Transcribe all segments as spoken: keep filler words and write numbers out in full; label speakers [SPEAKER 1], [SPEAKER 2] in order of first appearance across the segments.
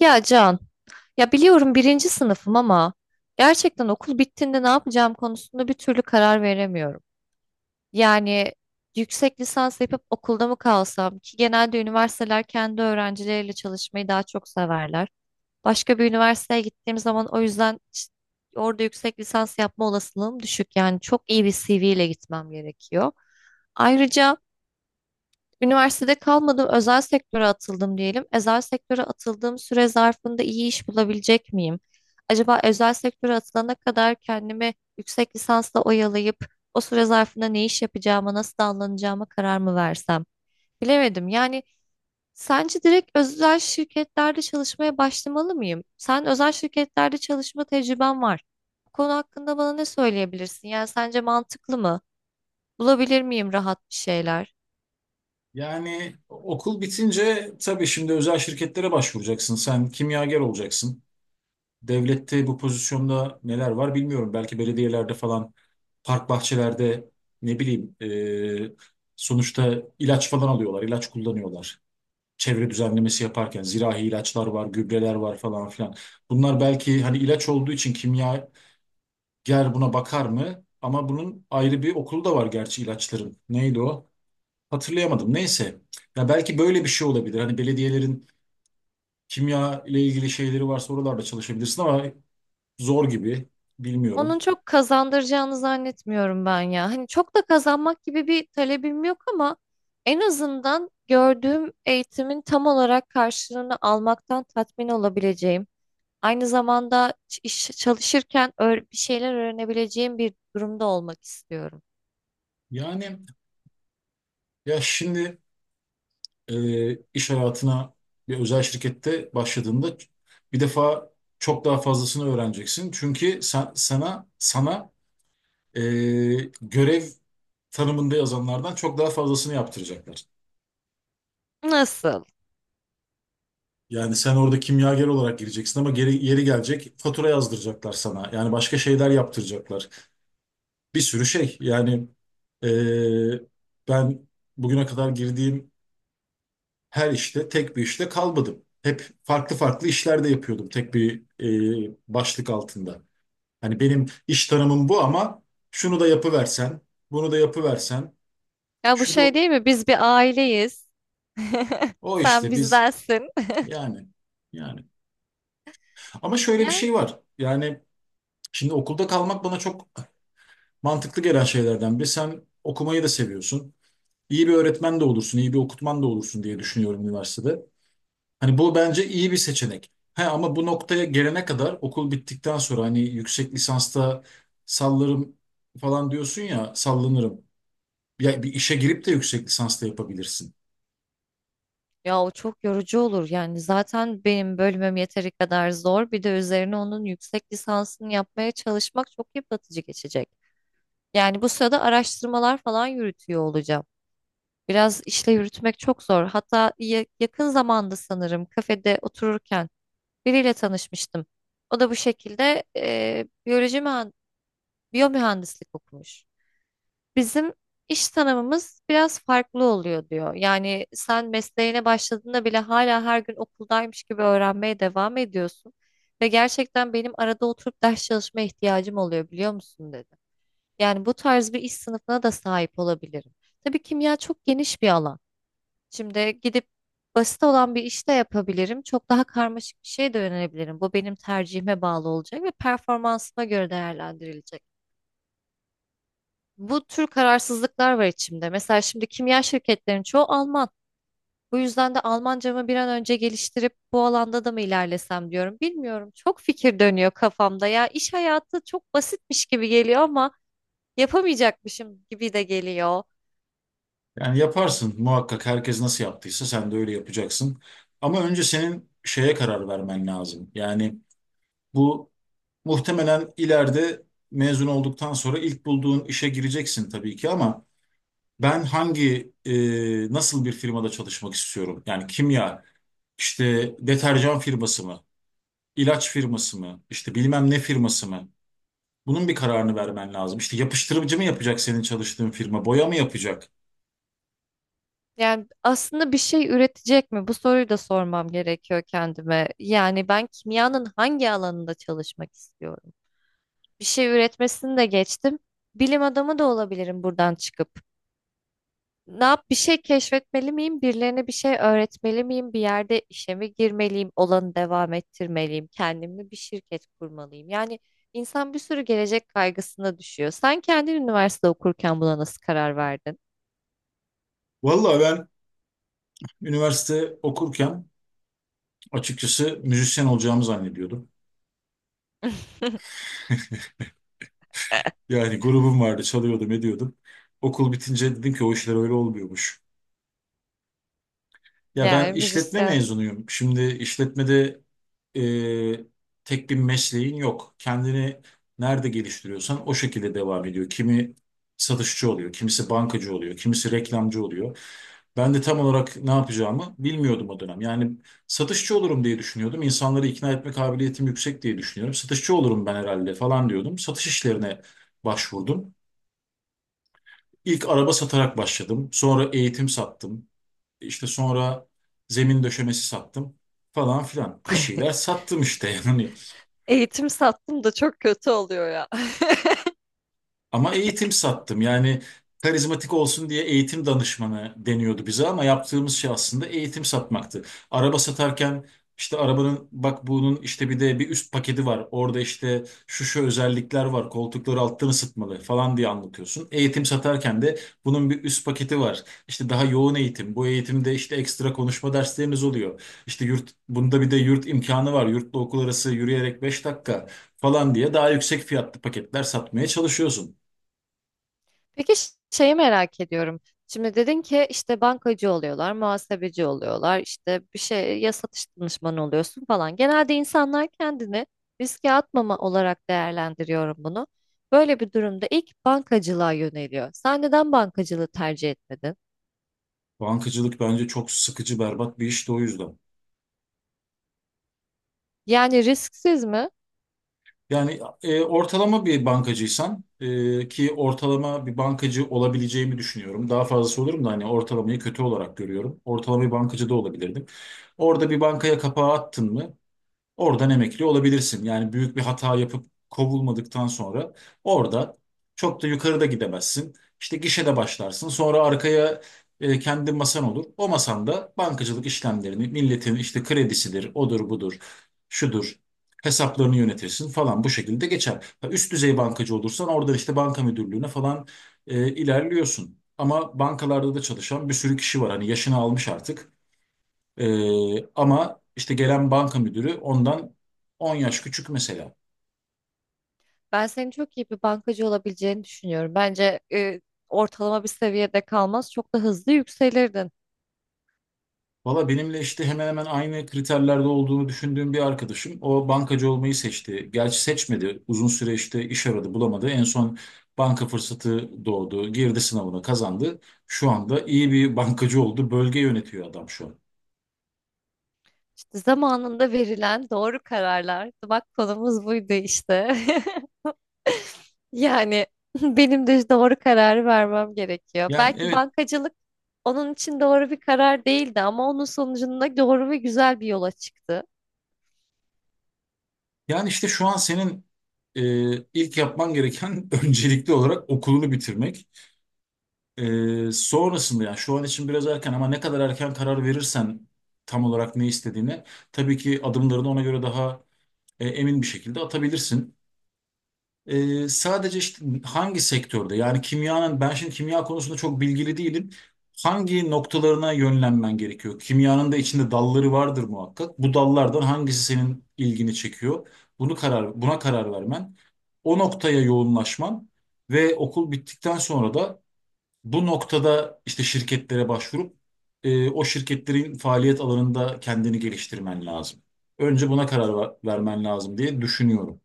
[SPEAKER 1] Ya Can, ya biliyorum birinci sınıfım ama gerçekten okul bittiğinde ne yapacağım konusunda bir türlü karar veremiyorum. Yani yüksek lisans yapıp okulda mı kalsam ki genelde üniversiteler kendi öğrencileriyle çalışmayı daha çok severler. Başka bir üniversiteye gittiğim zaman o yüzden ç- orada yüksek lisans yapma olasılığım düşük. Yani çok iyi bir C V ile gitmem gerekiyor. Ayrıca üniversitede kalmadım, özel sektöre atıldım diyelim. Özel sektöre atıldığım süre zarfında iyi iş bulabilecek miyim? Acaba özel sektöre atılana kadar kendimi yüksek lisansla oyalayıp o süre zarfında ne iş yapacağıma, nasıl davranacağıma karar mı versem? Bilemedim. Yani sence direkt özel şirketlerde çalışmaya başlamalı mıyım? Sen özel şirketlerde çalışma tecrüben var. Bu konu hakkında bana ne söyleyebilirsin? Yani sence mantıklı mı? Bulabilir miyim rahat bir şeyler?
[SPEAKER 2] Yani okul bitince tabii şimdi özel şirketlere başvuracaksın. Sen kimyager olacaksın. Devlette bu pozisyonda neler var bilmiyorum. Belki belediyelerde falan, park bahçelerde ne bileyim, e, sonuçta ilaç falan alıyorlar, ilaç kullanıyorlar. Çevre düzenlemesi yaparken zirahi ilaçlar var, gübreler var falan filan. Bunlar belki hani ilaç olduğu için kimyager buna bakar mı? Ama bunun ayrı bir okulu da var gerçi ilaçların. Neydi o? Hatırlayamadım. Neyse. Ya belki böyle bir şey olabilir. Hani belediyelerin kimya ile ilgili şeyleri varsa oralarda çalışabilirsin ama zor gibi. Bilmiyorum.
[SPEAKER 1] Onun çok kazandıracağını zannetmiyorum ben ya. Hani çok da kazanmak gibi bir talebim yok ama en azından gördüğüm eğitimin tam olarak karşılığını almaktan tatmin olabileceğim. Aynı zamanda ç- iş çalışırken öğ- bir şeyler öğrenebileceğim bir durumda olmak istiyorum.
[SPEAKER 2] Yani ya şimdi, e, iş hayatına bir özel şirkette başladığında bir defa çok daha fazlasını öğreneceksin. Çünkü sen, sana sana e, görev tanımında yazanlardan çok daha fazlasını yaptıracaklar.
[SPEAKER 1] Nasıl?
[SPEAKER 2] Yani sen orada kimyager olarak gireceksin ama geri, yeri gelecek fatura yazdıracaklar sana. Yani başka şeyler yaptıracaklar, bir sürü şey. Yani eee, ben bugüne kadar girdiğim her işte tek bir işte kalmadım. Hep farklı farklı işlerde yapıyordum tek bir eee, başlık altında. Hani benim iş tanımım bu ama şunu da yapıversen, bunu da yapıversen,
[SPEAKER 1] Ya bu
[SPEAKER 2] şu da
[SPEAKER 1] şey değil mi? Biz bir aileyiz.
[SPEAKER 2] o
[SPEAKER 1] Sen
[SPEAKER 2] işte biz,
[SPEAKER 1] bizdensin.
[SPEAKER 2] yani yani. Ama şöyle bir
[SPEAKER 1] Ya
[SPEAKER 2] şey var. Yani şimdi okulda kalmak bana çok mantıklı gelen şeylerden biri. Sen okumayı da seviyorsun. İyi bir öğretmen de olursun, iyi bir okutman da olursun diye düşünüyorum üniversitede. Hani bu bence iyi bir seçenek. He, ama bu noktaya gelene kadar okul bittikten sonra hani yüksek lisansta sallarım falan diyorsun ya, sallanırım. Ya bir işe girip de yüksek lisansta yapabilirsin.
[SPEAKER 1] Ya o çok yorucu olur, yani zaten benim bölümüm yeteri kadar zor, bir de üzerine onun yüksek lisansını yapmaya çalışmak çok yıpratıcı geçecek. Yani bu sırada araştırmalar falan yürütüyor olacağım. Biraz işle yürütmek çok zor. Hatta ya- yakın zamanda sanırım kafede otururken biriyle tanışmıştım. O da bu şekilde eee biyoloji mühen- biyomühendislik okumuş. Bizim iş tanımımız biraz farklı oluyor diyor. Yani sen mesleğine başladığında bile hala her gün okuldaymış gibi öğrenmeye devam ediyorsun. Ve gerçekten benim arada oturup ders çalışma ihtiyacım oluyor biliyor musun dedi. Yani bu tarz bir iş sınıfına da sahip olabilirim. Tabii kimya çok geniş bir alan. Şimdi gidip basit olan bir iş de yapabilirim. Çok daha karmaşık bir şeye de yönelebilirim. Bu benim tercihime bağlı olacak ve performansıma göre değerlendirilecek. Bu tür kararsızlıklar var içimde. Mesela şimdi kimya şirketlerinin çoğu Alman. Bu yüzden de Almancamı bir an önce geliştirip bu alanda da mı ilerlesem diyorum. Bilmiyorum. Çok fikir dönüyor kafamda. Ya iş hayatı çok basitmiş gibi geliyor ama yapamayacakmışım gibi de geliyor.
[SPEAKER 2] Yani yaparsın muhakkak, herkes nasıl yaptıysa sen de öyle yapacaksın. Ama önce senin şeye karar vermen lazım. Yani bu muhtemelen ileride mezun olduktan sonra ilk bulduğun işe gireceksin tabii ki, ama ben hangi, e, nasıl bir firmada çalışmak istiyorum? Yani kimya, İşte deterjan firması mı? İlaç firması mı? İşte bilmem ne firması mı? Bunun bir kararını vermen lazım. İşte yapıştırıcı mı yapacak senin çalıştığın firma? Boya mı yapacak?
[SPEAKER 1] Yani aslında bir şey üretecek mi? Bu soruyu da sormam gerekiyor kendime. Yani ben kimyanın hangi alanında çalışmak istiyorum? Bir şey üretmesini de geçtim. Bilim adamı da olabilirim buradan çıkıp. Ne yap, bir şey keşfetmeli miyim? Birilerine bir şey öğretmeli miyim? Bir yerde işe mi girmeliyim? Olanı devam ettirmeliyim? Kendimle bir şirket kurmalıyım? Yani insan bir sürü gelecek kaygısına düşüyor. Sen kendin üniversite okurken buna nasıl karar verdin?
[SPEAKER 2] Vallahi ben üniversite okurken açıkçası müzisyen olacağımı zannediyordum. Yani grubum vardı, çalıyordum, ediyordum. Okul bitince dedim ki o işler öyle olmuyormuş. Ya ben
[SPEAKER 1] Yani
[SPEAKER 2] işletme
[SPEAKER 1] müzisyen.
[SPEAKER 2] mezunuyum. Şimdi işletmede e, tek bir mesleğin yok. Kendini nerede geliştiriyorsan o şekilde devam ediyor. Kimi satışçı oluyor, kimisi bankacı oluyor, kimisi reklamcı oluyor. Ben de tam olarak ne yapacağımı bilmiyordum o dönem. Yani satışçı olurum diye düşünüyordum. İnsanları ikna etme kabiliyetim yüksek diye düşünüyorum. Satışçı olurum ben herhalde falan diyordum. Satış işlerine başvurdum. İlk araba satarak başladım. Sonra eğitim sattım. İşte sonra zemin döşemesi sattım falan filan. Bir şeyler sattım işte yani.
[SPEAKER 1] Eğitim sattım da çok kötü oluyor ya.
[SPEAKER 2] Ama eğitim sattım. Yani karizmatik olsun diye eğitim danışmanı deniyordu bize, ama yaptığımız şey aslında eğitim satmaktı. Araba satarken işte arabanın, bak bunun işte bir de bir üst paketi var. Orada işte şu şu özellikler var. Koltukları alttan ısıtmalı falan diye anlatıyorsun. Eğitim satarken de bunun bir üst paketi var. İşte daha yoğun eğitim. Bu eğitimde işte ekstra konuşma dersleriniz oluyor. İşte yurt, bunda bir de yurt imkanı var. Yurtla okul arası yürüyerek beş dakika falan diye daha yüksek fiyatlı paketler satmaya çalışıyorsun.
[SPEAKER 1] Peki ş- şeyi merak ediyorum. Şimdi dedin ki işte bankacı oluyorlar, muhasebeci oluyorlar, işte bir şey, ya satış danışmanı oluyorsun falan. Genelde insanlar kendini riske atmama olarak değerlendiriyorum bunu. Böyle bir durumda ilk bankacılığa yöneliyor. Sen neden bankacılığı tercih etmedin?
[SPEAKER 2] Bankacılık bence çok sıkıcı, berbat bir iş de o yüzden.
[SPEAKER 1] Yani risksiz mi?
[SPEAKER 2] Yani e, ortalama bir bankacıysan, e, ki ortalama bir bankacı olabileceğimi düşünüyorum. Daha fazlası olurum da, hani ortalamayı kötü olarak görüyorum. Ortalama bir bankacı da olabilirdim. Orada bir bankaya kapağı attın mı? Oradan emekli olabilirsin. Yani büyük bir hata yapıp kovulmadıktan sonra orada çok da yukarıda gidemezsin. İşte gişede başlarsın. Sonra arkaya e, kendi masan olur. O masanda bankacılık işlemlerini, milletin işte kredisidir, odur budur, şudur, hesaplarını yönetirsin falan, bu şekilde geçer. Ha, üst düzey bankacı olursan orada işte banka müdürlüğüne falan e, ilerliyorsun. Ama bankalarda da çalışan bir sürü kişi var. Hani yaşını almış artık. Ee, ama işte gelen banka müdürü ondan on yaş küçük mesela.
[SPEAKER 1] Ben senin çok iyi bir bankacı olabileceğini düşünüyorum. Bence e, ortalama bir seviyede kalmaz, çok da hızlı yükselirdin.
[SPEAKER 2] Valla benimle işte hemen hemen aynı kriterlerde olduğunu düşündüğüm bir arkadaşım o bankacı olmayı seçti. Gerçi seçmedi. Uzun süre işte iş aradı, bulamadı. En son banka fırsatı doğdu. Girdi sınavına, kazandı. Şu anda iyi bir bankacı oldu. Bölge yönetiyor adam şu an.
[SPEAKER 1] İşte zamanında verilen doğru kararlar. Bak konumuz buydu işte. Yani benim de doğru kararı vermem gerekiyor.
[SPEAKER 2] Yani
[SPEAKER 1] Belki
[SPEAKER 2] evet.
[SPEAKER 1] bankacılık onun için doğru bir karar değildi ama onun sonucunda doğru ve güzel bir yola çıktı.
[SPEAKER 2] Yani işte şu an senin e, ilk yapman gereken öncelikli olarak okulunu bitirmek. Ee, sonrasında yani şu an için biraz erken ama ne kadar erken karar verirsen tam olarak ne istediğine, tabii ki adımlarını ona göre daha e, emin bir şekilde atabilirsin. Ee, sadece işte hangi sektörde, yani kimyanın, ben şimdi kimya konusunda çok bilgili değilim. Hangi noktalarına yönlenmen gerekiyor? Kimyanın da içinde dalları vardır muhakkak. Bu dallardan hangisi senin ilgini çekiyor? Bunu karar buna karar vermen, o noktaya yoğunlaşman ve okul bittikten sonra da bu noktada işte şirketlere başvurup e, o şirketlerin faaliyet alanında kendini geliştirmen lazım. Önce buna karar ver- vermen lazım diye düşünüyorum.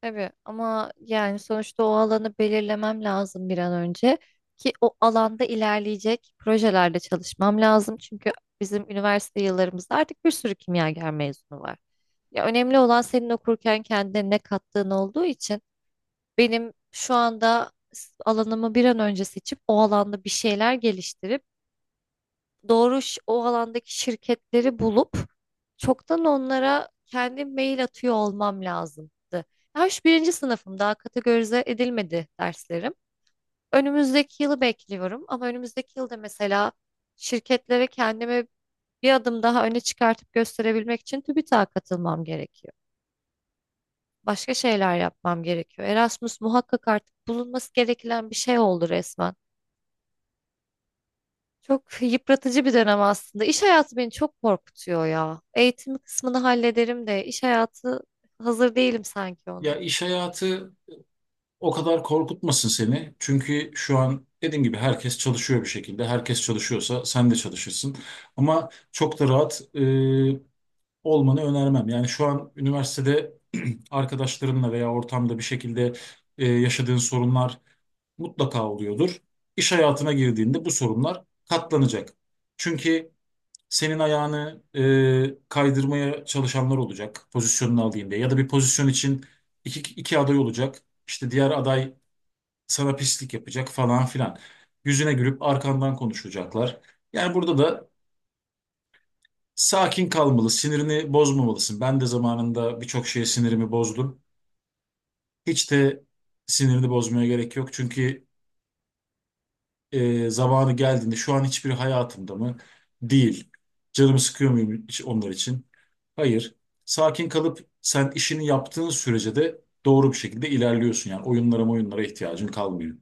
[SPEAKER 1] Tabii ama yani sonuçta o alanı belirlemem lazım bir an önce ki o alanda ilerleyecek projelerde çalışmam lazım. Çünkü bizim üniversite yıllarımızda artık bir sürü kimyager mezunu var. Ya önemli olan senin okurken kendine ne kattığın olduğu için benim şu anda s- alanımı bir an önce seçip o alanda bir şeyler geliştirip doğru ş- o alandaki şirketleri bulup çoktan onlara kendim mail atıyor olmam lazımdı. Daha şu birinci sınıfım, daha kategorize edilmedi derslerim. Önümüzdeki yılı bekliyorum ama önümüzdeki yılda mesela şirketlere kendimi bir adım daha öne çıkartıp gösterebilmek için TÜBİTAK'a katılmam gerekiyor. Başka şeyler yapmam gerekiyor. Erasmus muhakkak artık bulunması gereken bir şey oldu resmen. Çok yıpratıcı bir dönem aslında. İş hayatı beni çok korkutuyor ya. Eğitim kısmını hallederim de iş hayatı, hazır değilim sanki
[SPEAKER 2] Ya
[SPEAKER 1] ona.
[SPEAKER 2] iş hayatı o kadar korkutmasın seni. Çünkü şu an dediğim gibi herkes çalışıyor bir şekilde. Herkes çalışıyorsa sen de çalışırsın. Ama çok da rahat e, olmanı önermem. Yani şu an üniversitede arkadaşlarınla veya ortamda bir şekilde e, yaşadığın sorunlar mutlaka oluyordur. İş hayatına girdiğinde bu sorunlar katlanacak. Çünkü senin ayağını e, kaydırmaya çalışanlar olacak, pozisyonunu alayım diye. Ya da bir pozisyon için iki, iki aday olacak. İşte diğer aday sana pislik yapacak falan filan. Yüzüne gülüp arkandan konuşacaklar. Yani burada da sakin kalmalı, sinirini bozmamalısın. Ben de zamanında birçok şeye sinirimi bozdum. Hiç de sinirini bozmaya gerek yok. Çünkü e, zamanı geldiğinde şu an hiçbir hayatımda mı? Değil. Canımı sıkıyor muyum hiç onlar için? Hayır. Sakin kalıp sen işini yaptığın sürece de doğru bir şekilde ilerliyorsun. Yani oyunlara oyunlara ihtiyacın kalmıyor.